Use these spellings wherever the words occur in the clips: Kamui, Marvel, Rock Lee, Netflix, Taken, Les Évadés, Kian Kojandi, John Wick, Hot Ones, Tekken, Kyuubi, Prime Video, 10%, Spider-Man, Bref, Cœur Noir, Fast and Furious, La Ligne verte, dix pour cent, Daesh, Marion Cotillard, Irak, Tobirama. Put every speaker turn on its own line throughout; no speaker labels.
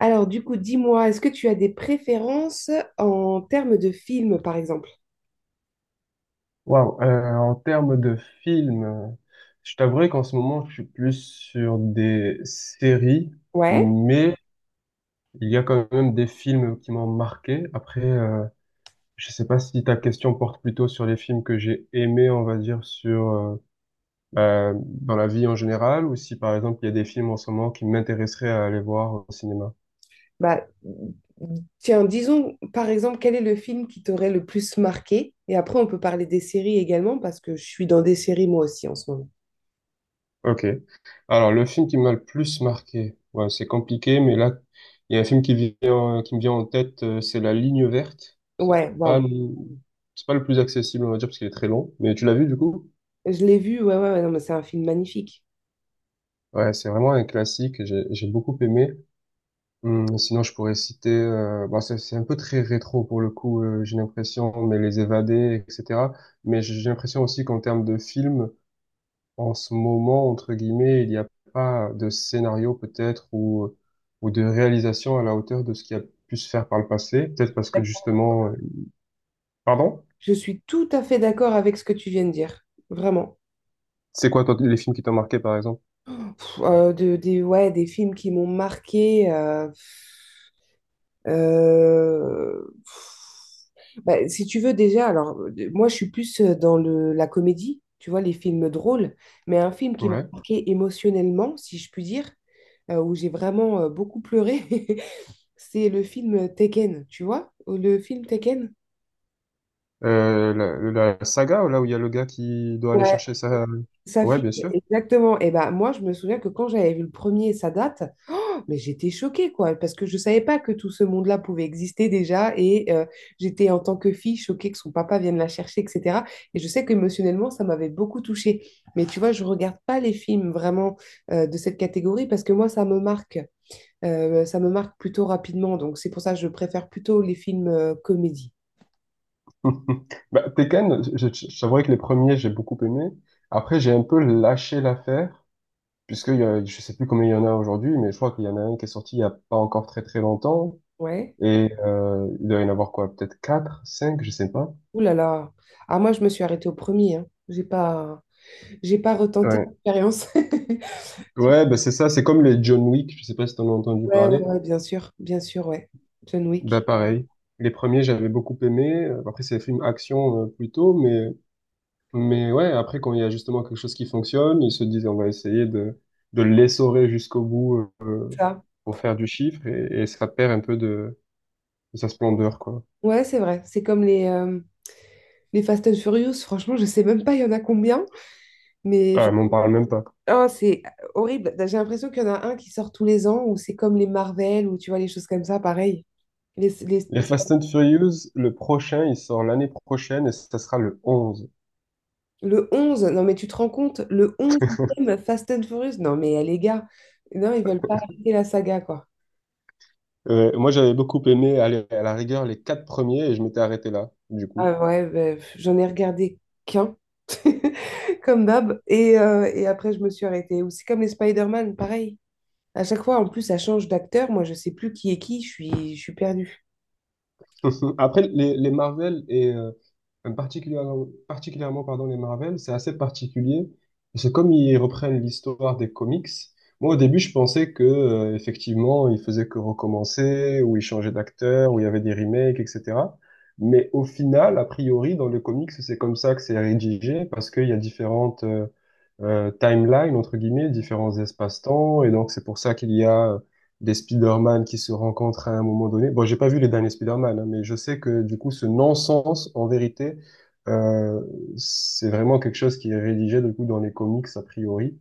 Alors, du coup, dis-moi, est-ce que tu as des préférences en termes de films, par exemple?
Wow. En termes de films, je t'avouerai qu'en ce moment, je suis plus sur des séries,
Ouais.
mais il y a quand même des films qui m'ont marqué. Après, je sais pas si ta question porte plutôt sur les films que j'ai aimés, on va dire, sur bah, dans la vie en général, ou si par exemple il y a des films en ce moment qui m'intéresseraient à aller voir au cinéma.
Bah, tiens, disons, par exemple, quel est le film qui t'aurait le plus marqué? Et après, on peut parler des séries également, parce que je suis dans des séries moi aussi en ce moment.
Ok. Alors, le film qui m'a le plus marqué, ouais, c'est compliqué, mais là, il y a un film qui vient, qui me vient en tête, c'est La Ligne verte.
Ouais, waouh.
C'est pas le plus accessible, on va dire, parce qu'il est très long. Mais tu l'as vu, du coup?
Je l'ai vu, ouais, ouais, ouais, non, mais c'est un film magnifique.
Ouais, c'est vraiment un classique, j'ai beaucoup aimé. Sinon, je pourrais citer, bon, c'est un peu très rétro pour le coup, j'ai l'impression, mais Les Évadés, etc. Mais j'ai l'impression aussi qu'en termes de film, en ce moment, entre guillemets, il n'y a pas de scénario peut-être ou de réalisation à la hauteur de ce qui a pu se faire par le passé. Peut-être parce que justement. Pardon?
Je suis tout à fait d'accord avec ce que tu viens de dire, vraiment.
C'est quoi toi, les films qui t'ont marqué par exemple?
Pff, des, ouais, des films qui m'ont marqué. Pff. Bah, si tu veux déjà, alors moi je suis plus dans la comédie, tu vois, les films drôles, mais un film qui m'a
Ouais.
marqué émotionnellement, si je puis dire, où j'ai vraiment beaucoup pleuré, c'est le film Taken, tu vois, le film Taken.
Euh, la saga, là où il y a le gars qui doit aller
Ouais,
chercher sa.
sa
Ouais,
fille,
bien sûr.
exactement. Et ben moi, je me souviens que quand j'avais vu le premier, ça date. Mais j'étais choquée, quoi, parce que je ne savais pas que tout ce monde-là pouvait exister déjà. Et j'étais en tant que fille choquée que son papa vienne la chercher, etc. Et je sais qu'émotionnellement, ça m'avait beaucoup touchée. Mais tu vois, je ne regarde pas les films vraiment de cette catégorie parce que moi, ça me marque. Ça me marque plutôt rapidement. Donc, c'est pour ça que je préfère plutôt les films comédie.
Bah, Tekken, je t'avouerai que les premiers, j'ai beaucoup aimé. Après, j'ai un peu lâché l'affaire, puisque il y a, je sais plus combien il y en a aujourd'hui, mais je crois qu'il y en a un qui est sorti il y a pas encore très très longtemps.
Ouais.
Et il doit y en avoir quoi? Peut-être 4, 5, je sais pas.
Ouh là là. Ah, moi, je me suis arrêtée au premier. Hein. J'ai pas retenté
Ouais,
l'expérience.
ouais, bah c'est ça, c'est comme les John Wick, je sais pas si t'en as entendu
Ouais, ouais,
parler.
ouais, bien sûr. Bien sûr, ouais. John
Bah
Wick.
pareil. Les premiers, j'avais beaucoup aimé. Après, c'est des films action plutôt, mais ouais, après quand il y a justement quelque chose qui fonctionne, ils se disent on va essayer de l'essorer jusqu'au bout,
Ça.
pour faire du chiffre et ça perd un peu de sa splendeur quoi.
Ouais, c'est vrai. C'est comme les Fast and Furious. Franchement, je sais même pas il y en a combien, mais je-
Ah, m'en parle même pas.
Ah, c'est horrible. Bah, j'ai l'impression qu'il y en a un qui sort tous les ans, ou c'est comme les Marvel, ou tu vois, les choses comme ça, pareil. Les- les-
Les Fast and Furious, le prochain, il sort l'année prochaine et ça sera le 11.
Le 11 non mais tu te rends compte, le onzième Fast and Furious, non mais les gars, non, ils veulent pas arrêter la saga, quoi.
Ouais, moi, j'avais beaucoup aimé, aller à la rigueur, les quatre premiers et je m'étais arrêté là, du coup.
Ah ouais, ben, pff, j'en ai regardé qu'un, comme d'hab, et après je me suis arrêtée. Ou c'est comme les Spider-Man, pareil. À chaque fois, en plus, ça change d'acteur. Moi, je sais plus qui est qui. Je suis perdue.
Après, les Marvel et particulièrement, particulièrement pardon, les Marvel, c'est assez particulier. Parce que comme ils reprennent l'histoire des comics, moi au début je pensais que effectivement ils faisaient que recommencer, ou ils changeaient d'acteur, ou il y avait des remakes, etc. Mais au final, a priori, dans les comics, c'est comme ça que c'est rédigé, parce qu'il y a différentes timelines, entre guillemets, différents espaces-temps, et donc c'est pour ça qu'il y a des Spider-Man qui se rencontrent à un moment donné. Bon, j'ai pas vu les derniers Spider-Man, hein, mais je sais que du coup, ce non-sens, en vérité, euh, c'est vraiment quelque chose qui est rédigé du coup dans les comics a priori.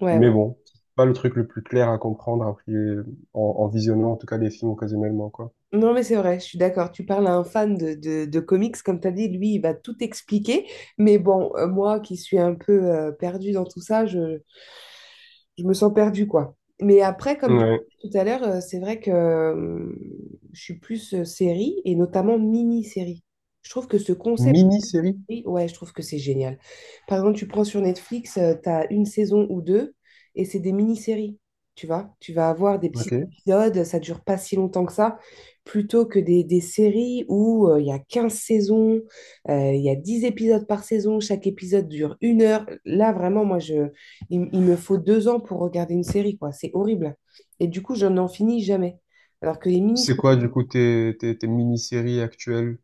Ouais,
Mais
ouais.
bon, c'est pas le truc le plus clair à comprendre a priori, en visionnant en tout cas les films occasionnellement, quoi.
Non, mais c'est vrai, je suis d'accord. Tu parles à un fan de comics, comme tu as dit, lui, il va tout expliquer. Mais bon, moi qui suis un peu perdue dans tout ça, je me sens perdue, quoi. Mais après, comme tu
Ouais.
disais tout à l'heure, c'est vrai que je suis plus série et notamment mini-série. Je trouve que ce concept,
Mini-série?
oui, ouais, je trouve que c'est génial. Par exemple, tu prends sur Netflix, tu as une saison ou deux et c'est des mini-séries, tu vois. Tu vas avoir des petits
Ok.
épisodes, ça dure pas si longtemps que ça, plutôt que des séries où il y a 15 saisons, il y a 10 épisodes par saison, chaque épisode dure 1 heure. Là, vraiment, moi, il me faut 2 ans pour regarder une série, quoi. C'est horrible. Et du coup, je n'en finis jamais. Alors que les
C'est
mini-séries.
quoi du coup tes mini-séries actuelles?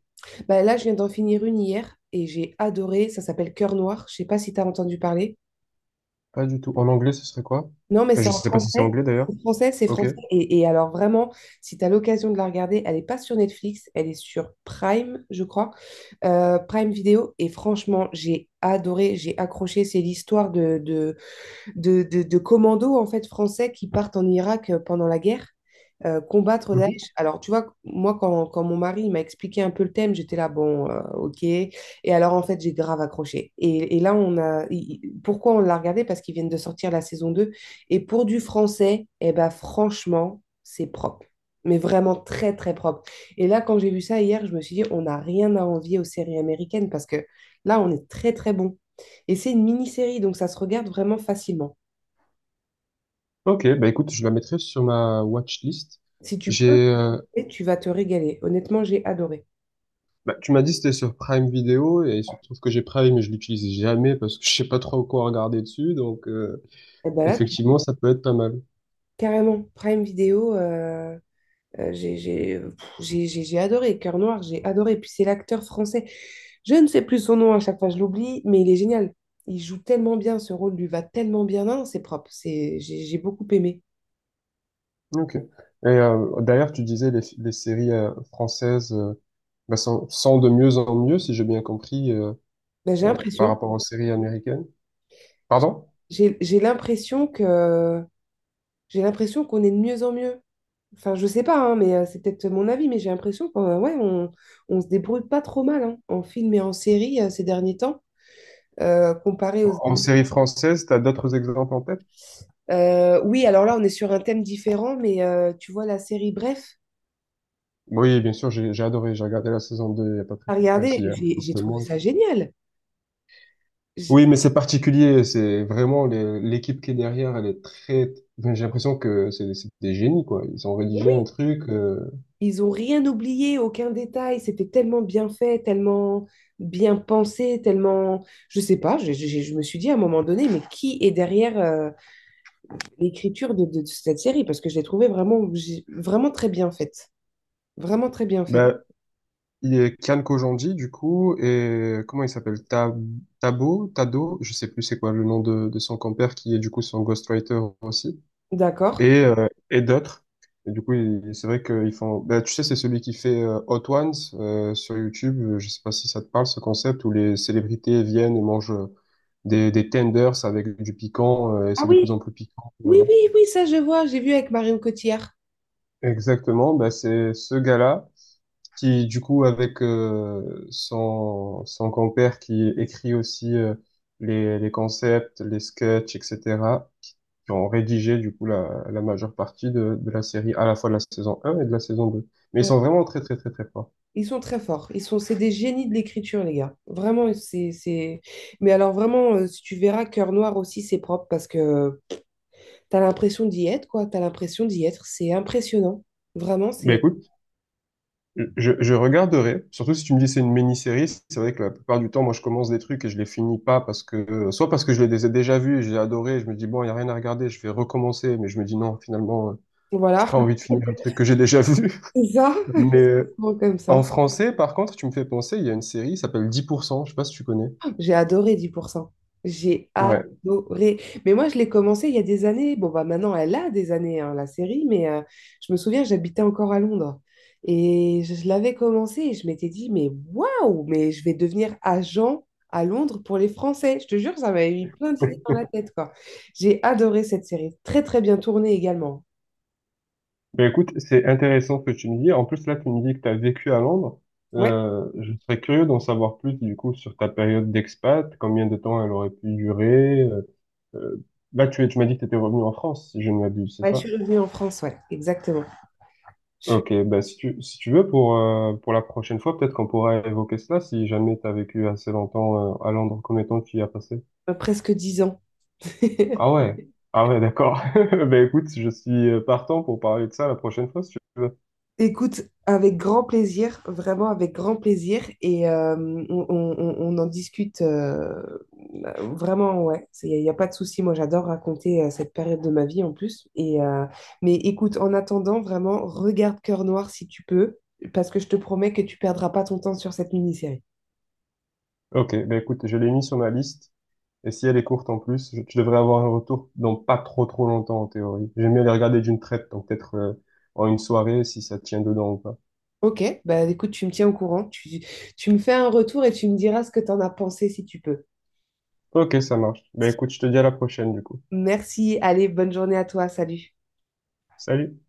Bah, là, je viens d'en finir une hier et j'ai adoré. Ça s'appelle Cœur Noir. Je sais pas si tu as entendu parler.
Pas du tout. En anglais, ce serait quoi?
Non, mais
Enfin,
c'est
je
en
sais pas si c'est
français.
anglais d'ailleurs.
C'est français, c'est
Ok.
français. Et alors, vraiment, si tu as l'occasion de la regarder, elle n'est pas sur Netflix, elle est sur Prime, je crois, Prime Vidéo. Et franchement, j'ai adoré, j'ai accroché. C'est l'histoire de commandos en fait français qui partent en Irak pendant la guerre combattre Daesh. Alors, tu vois, moi, quand mon mari il m'a expliqué un peu le thème, j'étais là, bon, ok. Et, alors, en fait, j'ai grave accroché. Et là, pourquoi on l'a regardé? Parce qu'ils viennent de sortir la saison 2. Et pour du français, eh ben, franchement, c'est propre. Mais vraiment très, très propre. Et là, quand j'ai vu ça hier, je me suis dit, on n'a rien à envier aux séries américaines parce que là, on est très, très bon. Et c'est une mini-série, donc ça se regarde vraiment facilement.
Ok, bah écoute, je la mettrai sur ma watchlist.
Si tu peux,
J'ai, euh,
et tu vas te régaler. Honnêtement, j'ai adoré.
bah, tu m'as dit que c'était sur Prime Video et il se trouve que j'ai Prime mais je l'utilise jamais parce que je sais pas trop quoi regarder dessus, donc
Et ben là,
effectivement ça peut être pas mal.
carrément, Prime Video, j'ai adoré. Cœur Noir, j'ai adoré. Puis c'est l'acteur français. Je ne sais plus son nom à chaque fois, je l'oublie, mais il est génial. Il joue tellement bien, ce rôle lui va tellement bien. Non, non, c'est propre. C'est, j'ai beaucoup aimé.
Ok. Et d'ailleurs tu disais les séries françaises, bah, sont de mieux en mieux si j'ai bien compris,
Ben,
par rapport aux séries américaines. Pardon?
j'ai l'impression que j'ai l'impression qu'on est de mieux en mieux. Enfin, je sais pas, hein, mais c'est peut-être mon avis, mais j'ai l'impression qu'on ouais, on se débrouille pas trop mal hein, en film et en série ces derniers temps, comparé aux
En
Américains.
série française, t'as d'autres exemples en tête?
Oui, alors là, on est sur un thème différent, mais tu vois, la série Bref,
Oui, bien sûr, j'ai adoré, j'ai regardé la saison 2. Il y a pas très
à
très enfin, si,
regarder,
il y a
j'ai
un
j'ai
peu
trouvé
moins.
ça génial. J'ai-
Oui, mais c'est particulier, c'est vraiment l'équipe qui est derrière, elle est très enfin, j'ai l'impression que c'est des génies quoi, ils ont
Mais
rédigé
oui,
un truc.
ils ont rien oublié, aucun détail, c'était tellement bien fait, tellement bien pensé, tellement. Je sais pas, je me suis dit à un moment donné, mais qui est derrière l'écriture de cette série parce que je l'ai trouvée vraiment, vraiment très bien faite. Vraiment très bien faite.
Ben il y a Kian Kojandi du coup et comment il s'appelle? Tabo, Tado, je sais plus c'est quoi le nom de son compère qui est du coup son ghostwriter aussi.
D'accord.
Et d'autres. Et du coup, c'est vrai qu'ils font. Bah, tu sais, c'est celui qui fait Hot Ones sur YouTube. Je sais pas si ça te parle ce concept où les célébrités viennent et mangent des tenders avec du piquant et
Ah
c'est de plus en
oui,
plus piquant.
oui, oui, oui, ça je vois, j'ai vu avec Marion Cotillard.
Exactement. Bah, c'est ce gars-là qui, du coup, avec son compère qui écrit aussi les concepts, les sketchs, etc. qui ont rédigé du coup la majeure partie de la série, à la fois de la saison un et de la saison 2. Mais ils
Euh,
sont vraiment très très très très forts.
Ils sont très forts. C'est des génies de l'écriture, les gars. Vraiment, c'est... Mais alors vraiment, si tu verras, Cœur Noir aussi, c'est propre parce que t'as l'impression d'y être, quoi. T'as l'impression d'y être. C'est impressionnant. Vraiment,
Ben
c'est.
écoute, je regarderai, surtout si tu me dis c'est une mini-série, c'est vrai que la plupart du temps, moi je commence des trucs et je les finis pas parce que, soit parce que je les ai déjà vus, et j'ai adoré, et je me dis bon, il y a rien à regarder, je vais recommencer, mais je me dis non, finalement,
Voilà.
j'ai pas envie de finir un truc que j'ai déjà vu.
C'est ça,
Mais
gros, comme ça.
en français, par contre, tu me fais penser, il y a une série, qui s'appelle 10%, je sais pas si tu connais.
J'ai adoré Dix pour cent. J'ai
Ouais.
adoré. Mais moi, je l'ai commencé il y a des années. Bon, bah maintenant, elle a des années, hein, la série, mais je me souviens, j'habitais encore à Londres. Et je l'avais commencé et je m'étais dit, mais waouh, mais je vais devenir agent à Londres pour les Français. Je te jure, ça m'avait mis plein d'idées dans la tête, quoi. J'ai adoré cette série. Très, très bien tournée également.
Ben écoute, c'est intéressant ce que tu me dis. En plus, là, tu me dis que tu as vécu à Londres.
Ouais,
Je serais curieux d'en savoir plus, du coup, sur ta période d'expat, combien de temps elle aurait pu durer. Euh, là, tu m'as dit que tu étais revenu en France, si je ne m'abuse, c'est
ouais, je
ça?
suis revenue en France, ouais, exactement. Je suis
Ok, ben si tu veux, pour la prochaine fois, peut-être qu'on pourra évoquer cela, si jamais tu as vécu assez longtemps à Londres, combien de temps tu y as passé?
Presque 10 ans.
Ah ouais, ah ouais, d'accord. Ben écoute, je suis partant pour parler de ça la prochaine fois, si tu veux.
Écoute, avec grand plaisir, vraiment avec grand plaisir, et on en discute vraiment, ouais, y a pas de souci, moi j'adore raconter cette période de ma vie en plus, mais écoute, en attendant, vraiment, regarde Cœur Noir si tu peux, parce que je te promets que tu perdras pas ton temps sur cette mini-série.
Ok, ben écoute, je l'ai mis sur ma liste. Et si elle est courte en plus, je devrais avoir un retour dans pas trop trop longtemps en théorie. J'aime bien les regarder d'une traite, donc peut-être en une soirée si ça tient dedans ou pas.
Ok, bah écoute, tu me tiens au courant, tu me fais un retour et tu me diras ce que t'en as pensé si tu peux.
Ok, ça marche. Ben écoute, je te dis à la prochaine du coup.
Merci, allez, bonne journée à toi, salut.
Salut!